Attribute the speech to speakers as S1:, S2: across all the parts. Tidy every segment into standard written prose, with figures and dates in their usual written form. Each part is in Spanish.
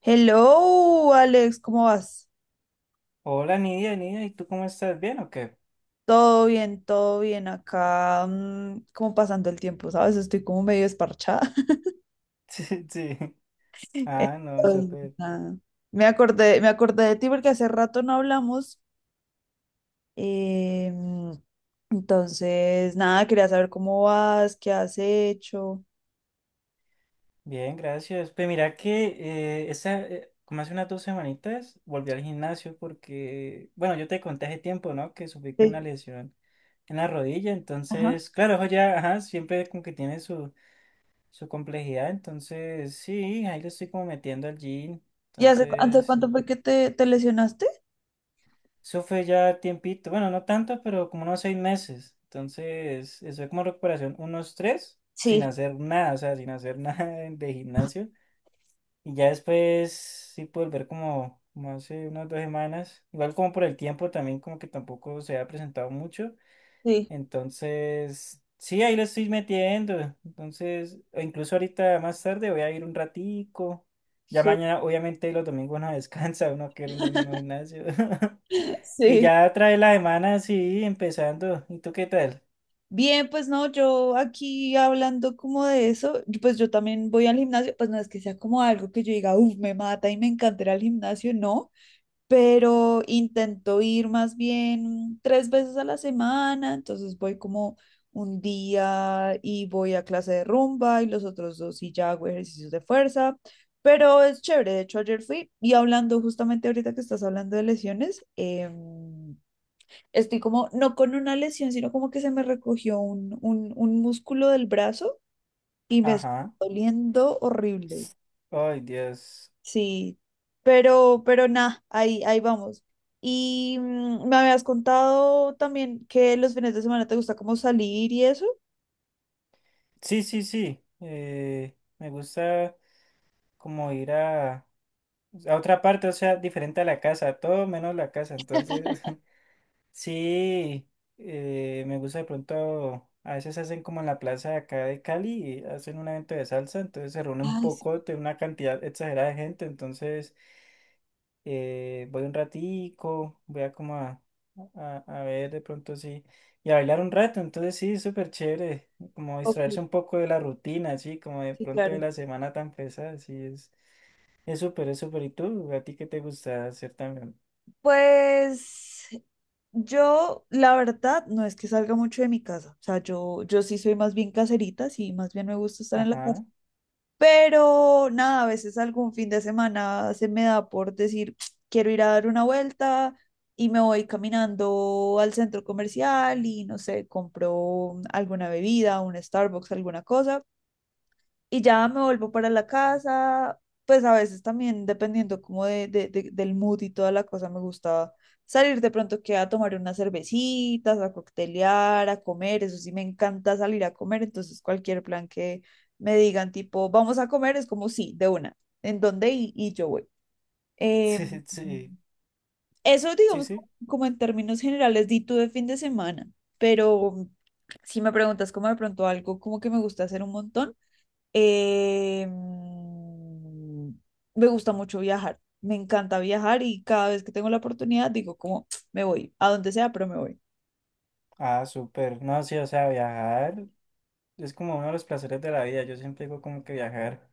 S1: Hello, Alex, ¿cómo vas?
S2: Hola Nidia, Nidia, ¿y tú cómo estás? ¿Bien o qué?
S1: Todo bien acá, como pasando el tiempo, ¿sabes? Estoy como medio desparchada.
S2: Sí, sí. Ah, no,
S1: Entonces,
S2: súper.
S1: nada. Me acordé de ti porque hace rato no hablamos. eh, entonces, nada, quería saber cómo vas, qué has hecho.
S2: Bien, gracias. Pues mira que como hace unas dos semanitas volví al gimnasio porque, bueno, yo te conté hace tiempo, ¿no? Que sufrí con una
S1: Sí.
S2: lesión en la rodilla,
S1: Ajá.
S2: entonces, claro, eso ya, ajá, siempre como que tiene su complejidad, entonces, sí, ahí le estoy como metiendo al gym,
S1: ¿Y hace, hace
S2: entonces,
S1: cuánto fue que te lesionaste?
S2: eso fue ya tiempito, bueno, no tanto, pero como unos seis meses. Entonces, eso fue como recuperación, unos tres, sin
S1: Sí,
S2: hacer nada, o sea, sin hacer nada de gimnasio. Y ya después sí pude volver como, como hace unas dos semanas. Igual como por el tiempo también, como que tampoco se ha presentado mucho.
S1: sí.
S2: Entonces, sí, ahí lo estoy metiendo. Entonces, o incluso ahorita más tarde voy a ir un ratico. Ya
S1: Su-
S2: mañana, obviamente, los domingos no descansa, uno quiere un domingo de gimnasio. Y
S1: Sí.
S2: ya trae la semana, sí, empezando. ¿Y tú qué tal?
S1: Bien, pues no, yo aquí hablando como de eso, y pues yo también voy al gimnasio, pues no es que sea como algo que yo diga, uff, me mata y me encantará el gimnasio, no, pero intento ir más bien tres veces a la semana, entonces voy como un día y voy a clase de rumba y los otros dos y ya hago ejercicios de fuerza, pero es chévere, de hecho ayer fui y hablando justamente ahorita que estás hablando de lesiones, estoy como, no con una lesión, sino como que se me recogió un músculo del brazo y me está
S2: Ajá.
S1: doliendo horrible.
S2: Ay, Dios.
S1: Sí, pero nada, ahí vamos. Y me habías contado también que los fines de semana te gusta como salir y eso.
S2: Sí, sí, sí. Me gusta como ir a otra parte, o sea, diferente a la casa, todo menos la casa. Entonces, sí, me gusta de pronto, a veces hacen como en la plaza de acá de Cali, hacen un evento de salsa, entonces se reúne un
S1: Ay, sí,
S2: poco, tiene una cantidad exagerada de gente, entonces... voy un ratico, voy a a ver de pronto sí, y a bailar un rato, entonces sí, súper chévere, como
S1: ok,
S2: distraerse un poco de la rutina, sí, como de
S1: sí,
S2: pronto de
S1: claro.
S2: la semana tan pesada, sí, es súper, es súper, ¿y tú? ¿A ti qué te gusta hacer también?
S1: Pues yo, la verdad, no es que salga mucho de mi casa. O sea, yo sí soy más bien caserita, sí, más bien me gusta estar en la casa.
S2: Ajá,
S1: Pero nada, a veces algún fin de semana se me da por decir, quiero ir a dar una vuelta y me voy caminando al centro comercial y no sé, compro alguna bebida, un Starbucks, alguna cosa y ya me vuelvo para la casa, pues a veces también dependiendo como del mood y toda la cosa, me gusta salir de pronto que a tomar unas cervecitas, a coctelear, a comer, eso sí me encanta salir a comer, entonces cualquier plan que me digan tipo, vamos a comer, es como sí, de una, ¿en dónde? Y yo voy. Eh,
S2: sí, sí, sí,
S1: eso
S2: sí,
S1: digamos como,
S2: sí.
S1: como en términos generales, di tú de fin de semana, pero si me preguntas como de pronto algo como que me gusta hacer un montón, eh, mm, me gusta mucho viajar, me encanta viajar y cada vez que tengo la oportunidad digo como me voy, a donde sea, pero me voy.
S2: Ah, súper, no, sí, o sea, viajar es como uno de los placeres de la vida, yo siempre digo como que viajar.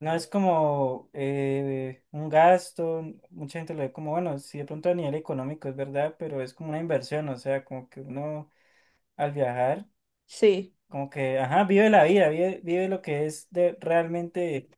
S2: No es como un gasto, mucha gente lo ve como, bueno, sí de pronto a nivel económico es verdad, pero es como una inversión, o sea, como que uno al viajar,
S1: Sí.
S2: como que, ajá, vive la vida, vive, vive lo que es de realmente,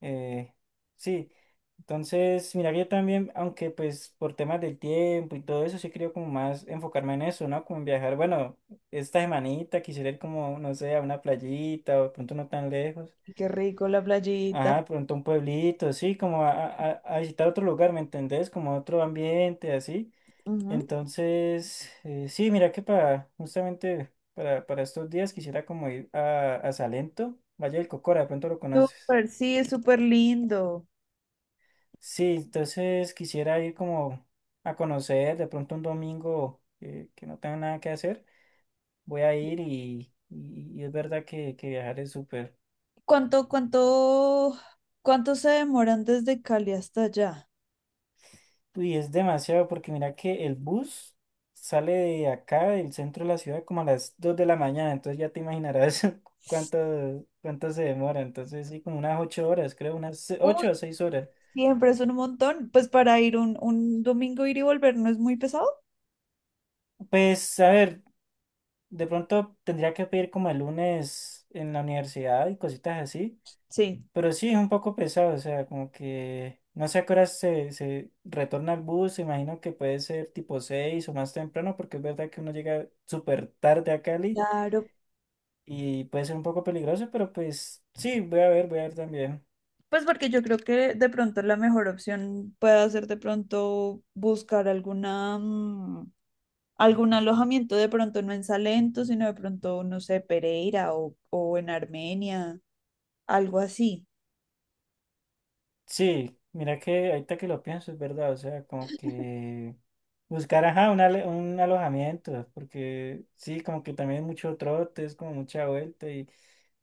S2: eh, sí. Entonces, mira, que yo también, aunque pues por temas del tiempo y todo eso, sí creo como más enfocarme en eso, ¿no? Como en viajar, bueno, esta semanita quisiera ir como, no sé, a una playita o de pronto no tan lejos.
S1: Y qué rico la playita.
S2: Ajá, de pronto un pueblito, sí, como a visitar otro lugar, ¿me entendés? Como a otro ambiente, así.
S1: Ujú.
S2: Entonces, sí, mira que para, justamente para estos días quisiera como ir a Salento, Valle del Cocora, de pronto lo conoces.
S1: Súper, sí, es súper lindo.
S2: Sí, entonces quisiera ir como a conocer, de pronto un domingo que no tenga nada que hacer, voy a ir y es verdad que viajar es súper.
S1: ¿Cuánto, cuánto, cuánto se demoran desde Cali hasta allá?
S2: Uy, es demasiado porque mira que el bus sale de acá, del centro de la ciudad, como a las 2 de la mañana, entonces ya te imaginarás cuánto, cuánto se demora, entonces sí, como unas 8 horas, creo,
S1: Uy,
S2: ocho o 6 horas.
S1: siempre es un montón. Pues para ir un domingo ir y volver no es muy pesado.
S2: Pues a ver, de pronto tendría que pedir como el lunes en la universidad y cositas así,
S1: Sí.
S2: pero sí, es un poco pesado, o sea, como que no sé a qué horas se retorna el bus, imagino que puede ser tipo 6 o más temprano, porque es verdad que uno llega súper tarde a Cali.
S1: Claro,
S2: Y puede ser un poco peligroso, pero pues sí, voy a ver también.
S1: pues porque yo creo que de pronto la mejor opción puede ser de pronto buscar alguna, algún alojamiento, de pronto no en Salento, sino de pronto, no sé, Pereira o en Armenia, algo así.
S2: Sí, mira que ahorita que lo pienso, es verdad, o sea, como que buscar, ajá, un alojamiento, porque sí, como que también es mucho trote, es como mucha vuelta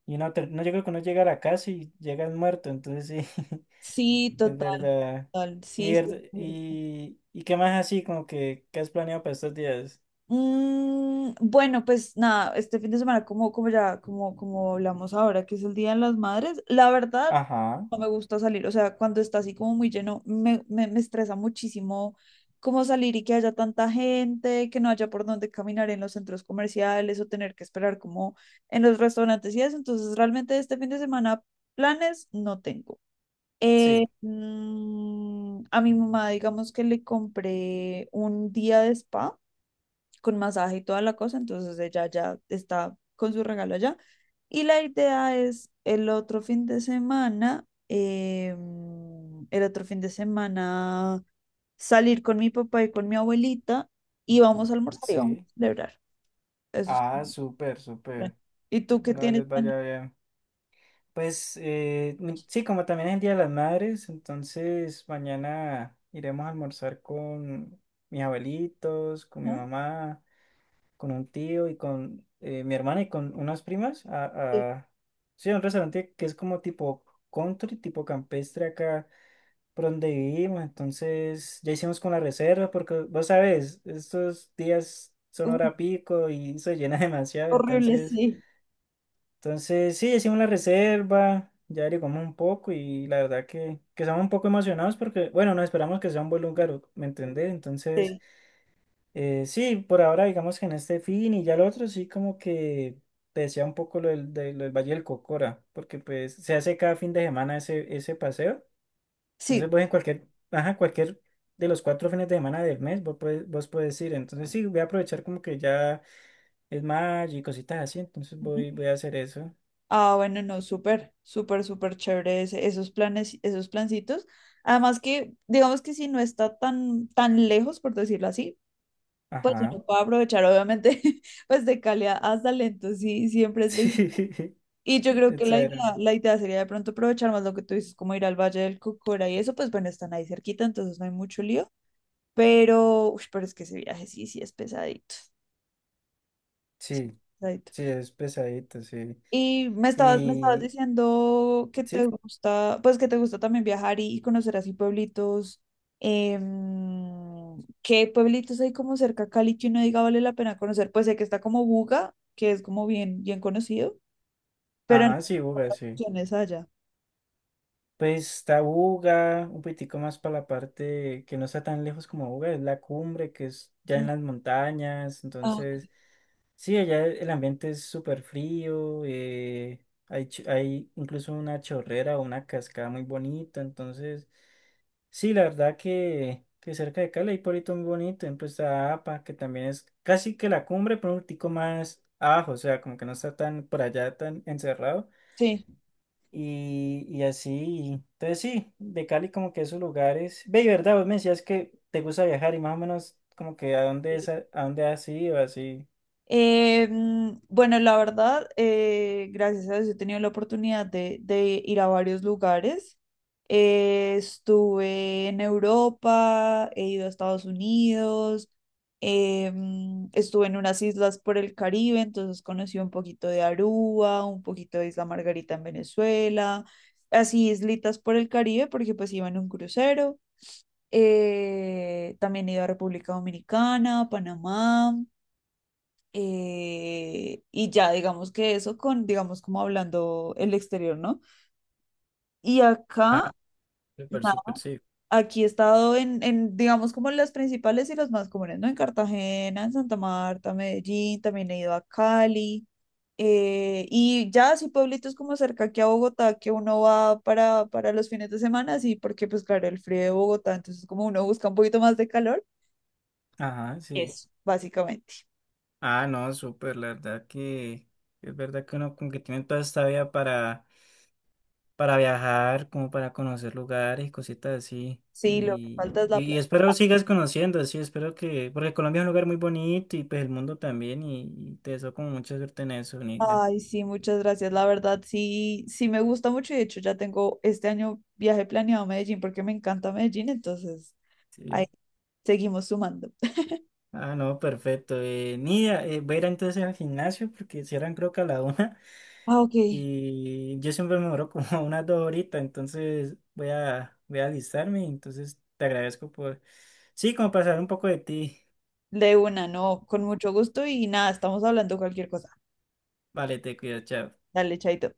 S2: y no, no llega que uno llega a la casa y llegas muerto, entonces sí,
S1: Sí,
S2: es
S1: total,
S2: verdad.
S1: total, sí, sí.
S2: Y, y qué más así, como que, ¿qué has planeado para estos días?
S1: Bueno, pues nada, este fin de semana, como, como ya, como, como hablamos ahora, que es el Día de las Madres, la verdad
S2: Ajá,
S1: no me gusta salir, o sea, cuando está así como muy lleno, me estresa muchísimo como salir y que haya tanta gente, que no haya por dónde caminar en los centros comerciales o tener que esperar como en los restaurantes y eso, entonces realmente este fin de semana planes no tengo.
S2: sí,
S1: A mi mamá, digamos que le compré un día de spa con masaje y toda la cosa, entonces ella ya está con su regalo allá. Y la idea es el otro fin de semana, el otro fin de semana salir con mi papá y con mi abuelita y vamos a almorzar y vamos
S2: sí.
S1: a celebrar. Eso es
S2: Ah,
S1: como
S2: súper,
S1: plan.
S2: súper.
S1: ¿Y tú qué
S2: Hola,
S1: tienes
S2: les
S1: planeado?
S2: vaya bien. Pues sí, como también es el Día de las Madres, entonces mañana iremos a almorzar con mis abuelitos, con mi
S1: Ah,
S2: mamá, con un tío y con mi hermana y con unas primas
S1: sí.
S2: sí, a un restaurante que es como tipo country, tipo campestre acá por donde vivimos. Entonces ya hicimos con la reserva porque vos sabes, estos días son
S1: Uy,
S2: hora pico y se llena demasiado,
S1: horrible,
S2: entonces...
S1: sí.
S2: Entonces, sí, hicimos la reserva, ya averiguamos un poco y la verdad que estamos un poco emocionados porque, bueno, no esperamos que sea un buen lugar, ¿me entendés? Entonces,
S1: Sí.
S2: sí, por ahora digamos que en este fin y ya el otro sí como que te decía un poco lo lo del Valle del Cocora, porque pues se hace cada fin de semana ese, ese paseo.
S1: Sí.
S2: Entonces, pues en cualquier, ajá, cualquier de los cuatro fines de semana del mes vos puedes ir. Entonces, sí, voy a aprovechar como que ya es mayo y cositas así, entonces voy, voy a hacer eso.
S1: Ah, bueno, no, súper, súper, súper chévere esos planes, esos plancitos. Además que, digamos que si no está tan, tan lejos, por decirlo así, pues
S2: Ajá.
S1: uno puede aprovechar, obviamente, pues de Cali a Salento, sí, siempre es lejos.
S2: Sí,
S1: Y yo creo que
S2: eso
S1: la idea,
S2: era.
S1: la idea sería de pronto aprovechar más lo que tú dices, como ir al Valle del Cocora y eso, pues bueno, están ahí cerquita, entonces no hay mucho lío. Pero, uy, pero es que ese viaje sí, sí es pesadito. Sí es
S2: Sí,
S1: pesadito.
S2: sí, es pesadito, sí.
S1: Y me estabas
S2: Y
S1: diciendo que te
S2: sí,
S1: gusta, pues que te gusta también viajar y conocer así pueblitos. ¿Qué pueblitos hay como cerca a Cali que uno diga vale la pena conocer? Pues sé que está como Buga, que es como bien, bien conocido, pero no
S2: ajá,
S1: hay
S2: sí, Buga,
S1: otras
S2: sí.
S1: opciones allá.
S2: Pues está Buga, un poquitico más para la parte que no está tan lejos como Buga, es la cumbre, que es ya en
S1: Mm,
S2: las montañas.
S1: ah,
S2: Entonces, sí, allá el ambiente es súper frío, hay incluso una chorrera o una cascada muy bonita. Entonces, sí, la verdad que cerca de Cali hay pueblito muy bonito, ejemplo está APA, que también es casi que la cumbre, pero un tico más abajo, o sea, como que no está tan por allá, tan encerrado,
S1: sí.
S2: y así, entonces sí, de Cali como que esos lugares, ve, y verdad, vos me decías que te gusta viajar y más o menos como que a dónde, es, a dónde has ido, así.
S1: Bueno, la verdad, gracias a Dios he tenido la oportunidad de ir a varios lugares. Estuve en Europa, he ido a Estados Unidos, estuve en unas islas por el Caribe, entonces conocí un poquito de Aruba, un poquito de Isla Margarita en Venezuela, así islitas por el Caribe porque pues iba en un crucero. También he ido a República Dominicana, Panamá y ya, digamos que eso con, digamos, como hablando el exterior, ¿no? Y
S2: Ah,
S1: acá,
S2: súper,
S1: nada,
S2: súper, sí.
S1: aquí he estado en, digamos, como las principales y las más comunes, ¿no? En Cartagena, en Santa Marta, Medellín, también he ido a Cali. Y ya así pueblitos como cerca aquí a Bogotá que uno va para los fines de semana, sí, porque pues claro, el frío de Bogotá, entonces como uno busca un poquito más de calor,
S2: Ajá, sí.
S1: eso, básicamente.
S2: Ah, no, súper, la verdad que es verdad que uno como que tiene toda esta vida para viajar, como para conocer lugares y cositas así.
S1: Sí, lo que falta es la
S2: Y
S1: plata.
S2: espero sigas conociendo, así espero que, porque Colombia es un lugar muy bonito y pues el mundo también, y te deseo como mucha suerte en eso, Nidia.
S1: Ay, sí, muchas gracias. La verdad, sí, sí me gusta mucho y de hecho ya tengo este año viaje planeado a Medellín porque me encanta Medellín, entonces
S2: Sí.
S1: ahí seguimos sumando.
S2: Ah, no, perfecto. Nidia, voy a ir entonces al gimnasio porque cierran creo que a la una.
S1: Ah, ok.
S2: Y yo siempre me demoro como unas dos horitas, entonces voy a, voy a alistarme, entonces te agradezco por, sí, como pasar un poco de ti.
S1: De una, no, con mucho gusto y nada, estamos hablando cualquier cosa.
S2: Vale, te cuido, chao.
S1: Dale, chaito.